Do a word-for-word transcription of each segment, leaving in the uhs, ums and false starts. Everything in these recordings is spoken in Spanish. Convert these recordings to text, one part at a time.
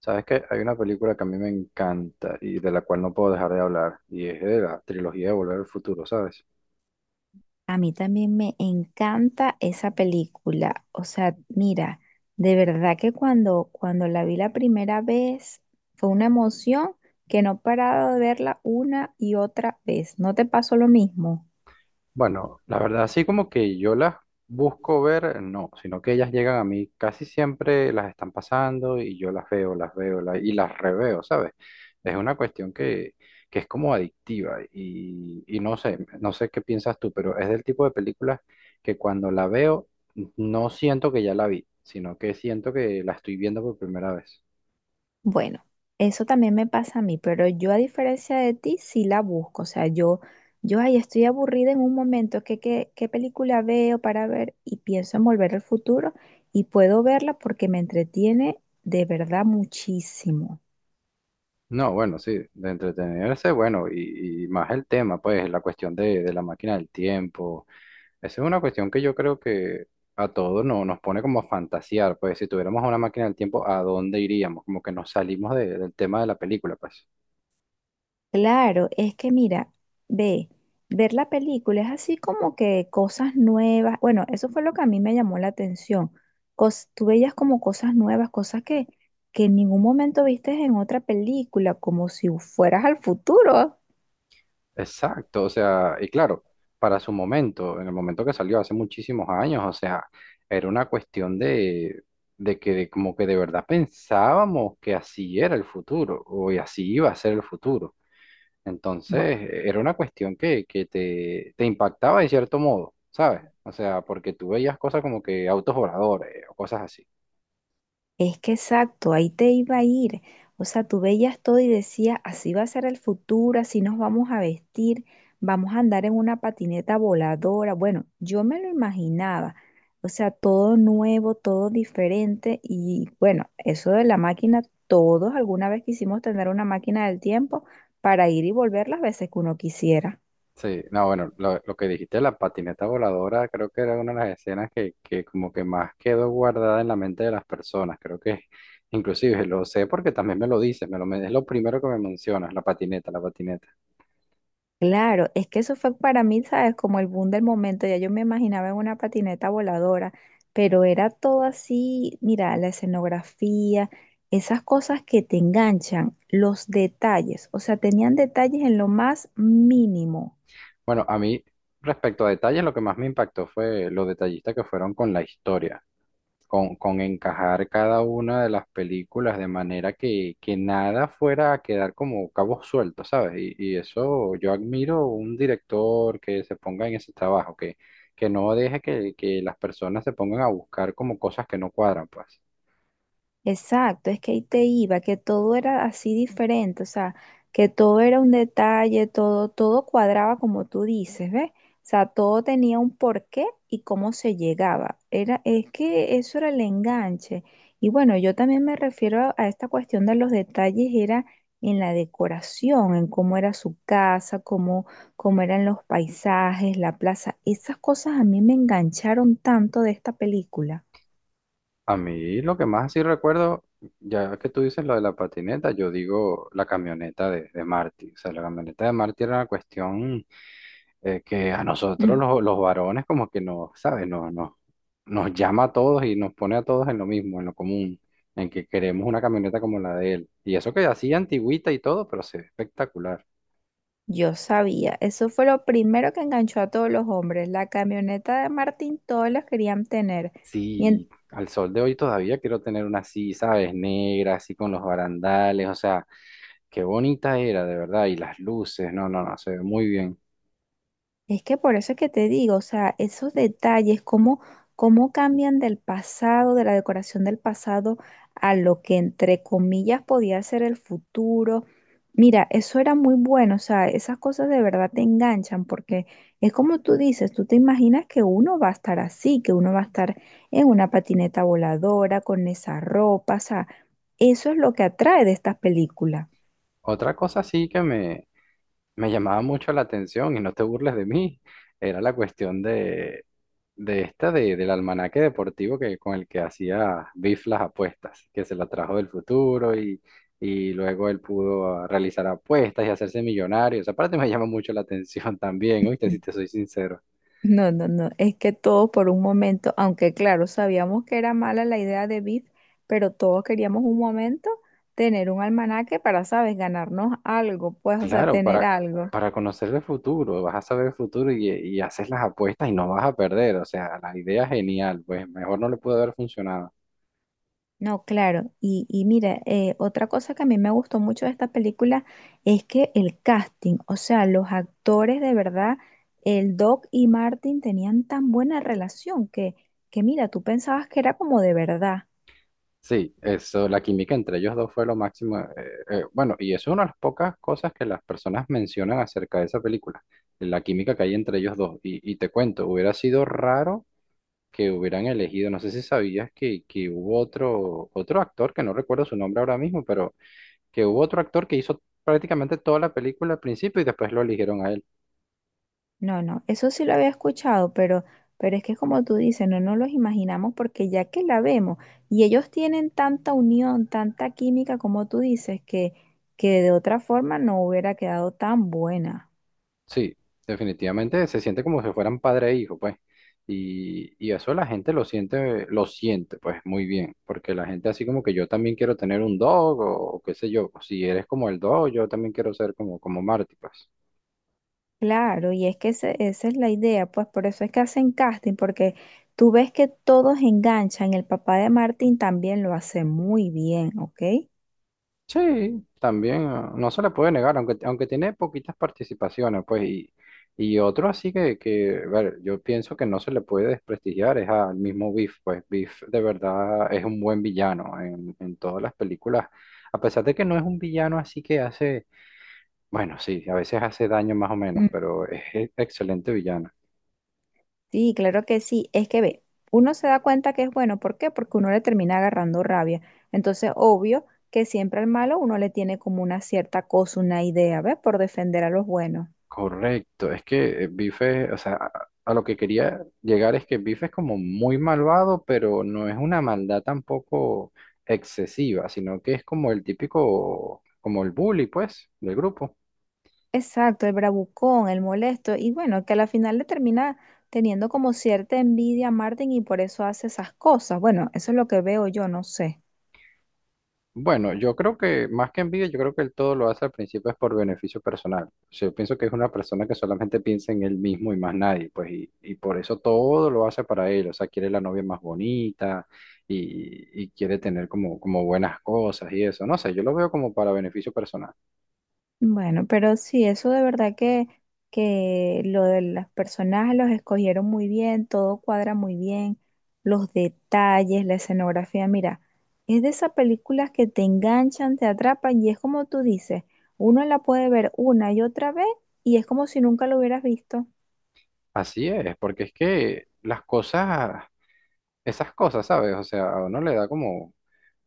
Sabes que hay una película que a mí me encanta y de la cual no puedo dejar de hablar, y es de la trilogía de Volver al Futuro, ¿sabes? A mí también me encanta esa película. O sea, mira, de verdad que cuando, cuando la vi la primera vez fue una emoción que no he parado de verla una y otra vez. ¿No te pasó lo mismo? Bueno, la verdad, así como que yo las busco ver, no, sino que ellas llegan a mí, casi siempre las están pasando y yo las veo, las veo la- y las reveo, ¿sabes? Es una cuestión que, que es como adictiva y, y no sé, no sé qué piensas tú, pero es del tipo de películas que cuando la veo no siento que ya la vi, sino que siento que la estoy viendo por primera vez. Bueno, eso también me pasa a mí, pero yo a diferencia de ti sí la busco. O sea, yo, yo ahí estoy aburrida en un momento, ¿qué, qué, qué película veo para ver? Y pienso en Volver al Futuro y puedo verla porque me entretiene de verdad muchísimo. No, bueno, sí, de entretenerse, bueno, y, y más el tema, pues, la cuestión de, de la máquina del tiempo. Esa es una cuestión que yo creo que a todos no, nos pone como a fantasear, pues, si tuviéramos una máquina del tiempo, ¿a dónde iríamos? Como que nos salimos de- del tema de la película, pues. Claro, es que mira, ve, ver la película es así como que cosas nuevas. Bueno, eso fue lo que a mí me llamó la atención. Cos- tú veías como cosas nuevas, cosas que, que en ningún momento vistes en otra película, como si fueras al futuro. Exacto, o sea, y claro, para su momento, en el momento que salió hace muchísimos años, o sea, era una cuestión de, de que de- como que de verdad pensábamos que así era el futuro, o y así iba a ser el futuro. Entonces, e-, era una cuestión que, que te, te impactaba de cierto modo, ¿sabes? O sea, porque tú veías cosas como que autos voladores o cosas así. Es que exacto, ahí te iba a ir. O sea, tú veías todo y decías, así va a ser el futuro, así nos vamos a vestir, vamos a andar en una patineta voladora. Bueno, yo me lo imaginaba. O sea, todo nuevo, todo diferente. Y bueno, eso de la máquina, todos alguna vez quisimos tener una máquina del tiempo para ir y volver las veces que uno quisiera. Sí, no, bueno, lo, lo que dijiste de la patineta voladora, creo que era una de las escenas que, que como que más quedó guardada en la mente de las personas. Creo que inclusive lo sé porque también me lo dices, me lo, men- es lo primero que me mencionas, la patineta, la patineta. Claro, es que eso fue para mí, ¿sabes? Como el boom del momento. Ya yo me imaginaba en una patineta voladora, pero era todo así, mira, la escenografía, esas cosas que te enganchan, los detalles, o sea, tenían detalles en lo más mínimo. Bueno, a mí, respecto a detalles, lo que más me impactó fue lo detallista que fueron con la historia, con, con encajar cada una de las películas de manera que, que nada fuera a quedar como cabos sueltos, ¿sabes? Y, y eso yo admiro un director que se ponga en ese trabajo, que, que no deje que, que las personas se pongan a buscar como cosas que no cuadran, pues. Exacto, es que ahí te iba, que todo era así diferente, o sea, que todo era un detalle, todo, todo cuadraba como tú dices, ¿ves? O sea, todo tenía un porqué y cómo se llegaba. Era, es que eso era el enganche. Y bueno, yo también me refiero a, a esta cuestión de los detalles, era en la decoración, en cómo era su casa, cómo, cómo eran los paisajes, la plaza. Esas cosas a mí me engancharon tanto de esta película. A mí lo que más así recuerdo, ya que tú dices lo de la patineta, yo digo la camioneta de, de Marty. O sea, la camioneta de Marty era una cuestión eh, que a nosotros Mm. los, los varones como que nos, ¿sabes? Nos, nos, nos llama a todos y nos pone a todos en lo mismo, en lo común, en que queremos una camioneta como la de él. Y eso que así antigüita y todo, pero se ve espectacular. Yo sabía, eso fue lo primero que enganchó a todos los hombres. La camioneta de Martín, todos los querían tener. Y en- Sí, al sol de hoy todavía quiero tener una así, ¿sabes? Negra, así con los barandales, o sea, qué bonita era, de verdad, y las luces, no, no, no, se ve muy bien. es que por eso es que te digo, o sea, esos detalles, cómo, cómo cambian del pasado, de la decoración del pasado, a lo que entre comillas podía ser el futuro. Mira, eso era muy bueno, o sea, esas cosas de verdad te enganchan porque es como tú dices, tú te imaginas que uno va a estar así, que uno va a estar en una patineta voladora, con esa ropa, o sea. Eso es lo que atrae de estas películas. Otra cosa sí que me, me llamaba mucho la atención, y no te burles de mí, era la cuestión de, de esta de, del almanaque deportivo que, con el que hacía Biff las apuestas, que se la trajo del futuro y, y luego él pudo ah, realizar apuestas y hacerse millonario. Esa parte me llama mucho la atención también, ¿oíste? Si te soy sincero. No, no, no, es que todo por un momento, aunque claro, sabíamos que era mala la idea de Biff, pero todos queríamos un momento tener un almanaque para, sabes, ganarnos algo, pues, o sea, Claro, tener para, algo. para conocer el futuro, vas a saber el futuro y, y haces las apuestas y no vas a perder. O sea, la idea es genial, pues mejor no le pudo haber funcionado. No, claro, y, y mira, eh, otra cosa que a mí me gustó mucho de esta película es que el casting, o sea, los actores de verdad, el Doc y Martin tenían tan buena relación que, que mira, tú pensabas que era como de verdad. Sí, eso, la química entre ellos dos fue lo máximo. Eh, eh, bueno, y es una de las pocas cosas que las personas mencionan acerca de esa película, la química que hay entre ellos dos. Y, y te cuento, hubiera sido raro que hubieran elegido, no sé si sabías que, que hubo otro, otro actor, que no recuerdo su nombre ahora mismo, pero que hubo otro actor que hizo prácticamente toda la película al principio y después lo eligieron a él. No, no, eso sí lo había escuchado, pero, pero es que como tú dices, no nos los imaginamos porque ya que la vemos y ellos tienen tanta unión, tanta química como tú dices, que, que de otra forma no hubiera quedado tan buena. Sí, definitivamente se siente como si fueran padre e hijo, pues. Y, y eso la gente lo siente, lo siente, pues, muy bien. Porque la gente así como que yo también quiero tener un dog o, o qué sé yo. Si eres como el dog, yo también quiero ser como, como Marty, pues. Claro, y es que ese- esa es la idea, pues por eso es que hacen casting, porque tú ves que todos enganchan, el papá de Martín también lo hace muy bien, ¿ok? Sí, también ah, no se le puede negar, aunque, aunque tiene poquitas participaciones, pues, y, y otro así que, que, a ver, yo pienso que no se le puede desprestigiar, es al mismo Biff, pues Biff de verdad es un buen villano en, en todas las películas, a pesar de que no es un villano así que hace, bueno, sí, a veces hace daño más o menos, pero es e- excelente villano. Sí, claro que sí. Es que ve, uno se da cuenta que es bueno. ¿Por qué? Porque uno le termina agarrando rabia. Entonces, obvio que siempre al malo uno le tiene como una cierta cosa, una idea, ¿ves? Por defender a los buenos. Correcto, es que eh, Bife, o sea, a, a lo que quería llegar es que Bife es como muy malvado, pero no es una maldad tampoco excesiva, sino que es como el típico, como el bully, pues, del grupo. Exacto, el bravucón, el molesto. Y bueno, que a la final le termina teniendo como cierta envidia a Martin y por eso hace esas cosas. Bueno, eso es lo que veo yo, no sé. Bueno, yo creo que más que envidia, yo creo que él todo lo hace al principio es por beneficio personal. O sea, yo pienso que es una persona que solamente piensa en él mismo y más nadie, pues, y, y por eso todo lo hace para él. O sea, quiere la novia más bonita y, y quiere tener como, como buenas cosas y eso. No sé, yo lo veo como para beneficio personal. Bueno, pero sí, eso de verdad que, que lo de las personajes los escogieron muy bien, todo cuadra muy bien, los detalles, la escenografía, mira, es de esas películas que te enganchan, te atrapan y es como tú dices, uno la puede ver una y otra vez y es como si nunca lo hubieras visto. Así es, porque es que las cosas, esas cosas, ¿sabes? O sea, a uno le da como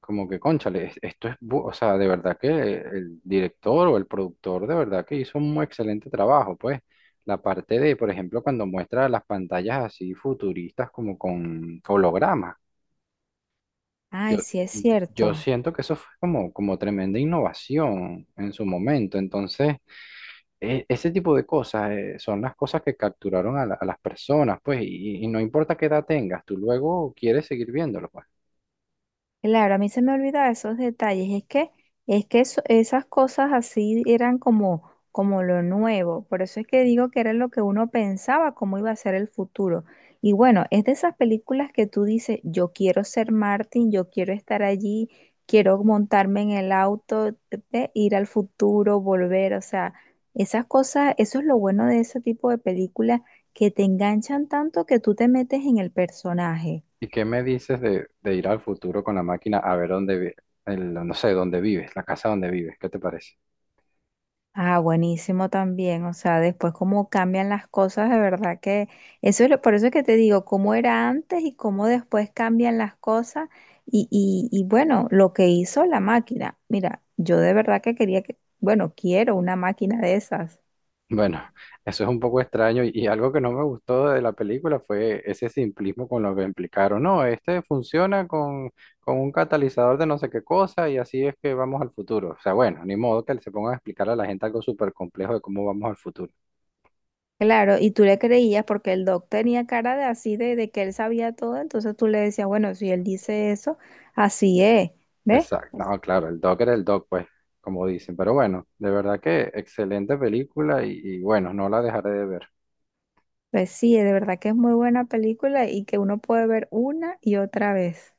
como que, cónchale, es- esto es, bu- o sea, de verdad que el director o el productor de verdad que hizo un excelente trabajo, pues. La parte de, por ejemplo, cuando muestra las pantallas así futuristas como con hologramas. Yo, Ay, sí es yo cierto. siento que eso fue como, como tremenda innovación en su momento. Entonces, e- ese tipo de cosas eh, son las cosas que capturaron a, la- a las personas, pues, y, y no importa qué edad tengas, tú luego quieres seguir viéndolo, pues. Claro, a mí se me olvidaba esos detalles. Es que, es que eso- esas cosas así eran como, como lo nuevo. Por eso es que digo que era lo que uno pensaba, cómo iba a ser el futuro. Y bueno, es de esas películas que tú dices, yo quiero ser Martin, yo quiero estar allí, quiero montarme en el auto, eh, ir al futuro, volver. O sea, esas cosas, eso es lo bueno de ese tipo de películas que te enganchan tanto que tú te metes en el personaje. ¿Y qué me dices de, de ir al futuro con la máquina a ver dónde, vi- el- no sé, dónde vives, la casa donde vives? ¿Qué te parece? Ah, buenísimo también. O sea, después cómo cambian las cosas, de verdad que eso es lo- por eso es que te digo, cómo era antes y cómo después cambian las cosas. Y, y, y bueno, lo que hizo la máquina. Mira, yo de verdad que quería que, bueno, quiero una máquina de esas. Bueno, eso es un poco extraño y, y algo que no me gustó de la película fue ese simplismo con lo que implicaron. No, este funciona con, con un catalizador de no sé qué cosa y así es que vamos al futuro. O sea, bueno, ni modo que se pongan a explicar a la gente algo súper complejo de cómo vamos al futuro. Claro, y tú le creías porque el doc tenía cara de así, de, de que él sabía todo, entonces tú le decías, bueno, si él dice eso, así es, ¿ves? Exacto, no, claro, el doc era el doc, pues, como dicen. Pero bueno, de verdad que excelente película y y bueno, no la dejaré de ver. Pues sí, de verdad que es muy buena película y que uno puede ver una y otra vez.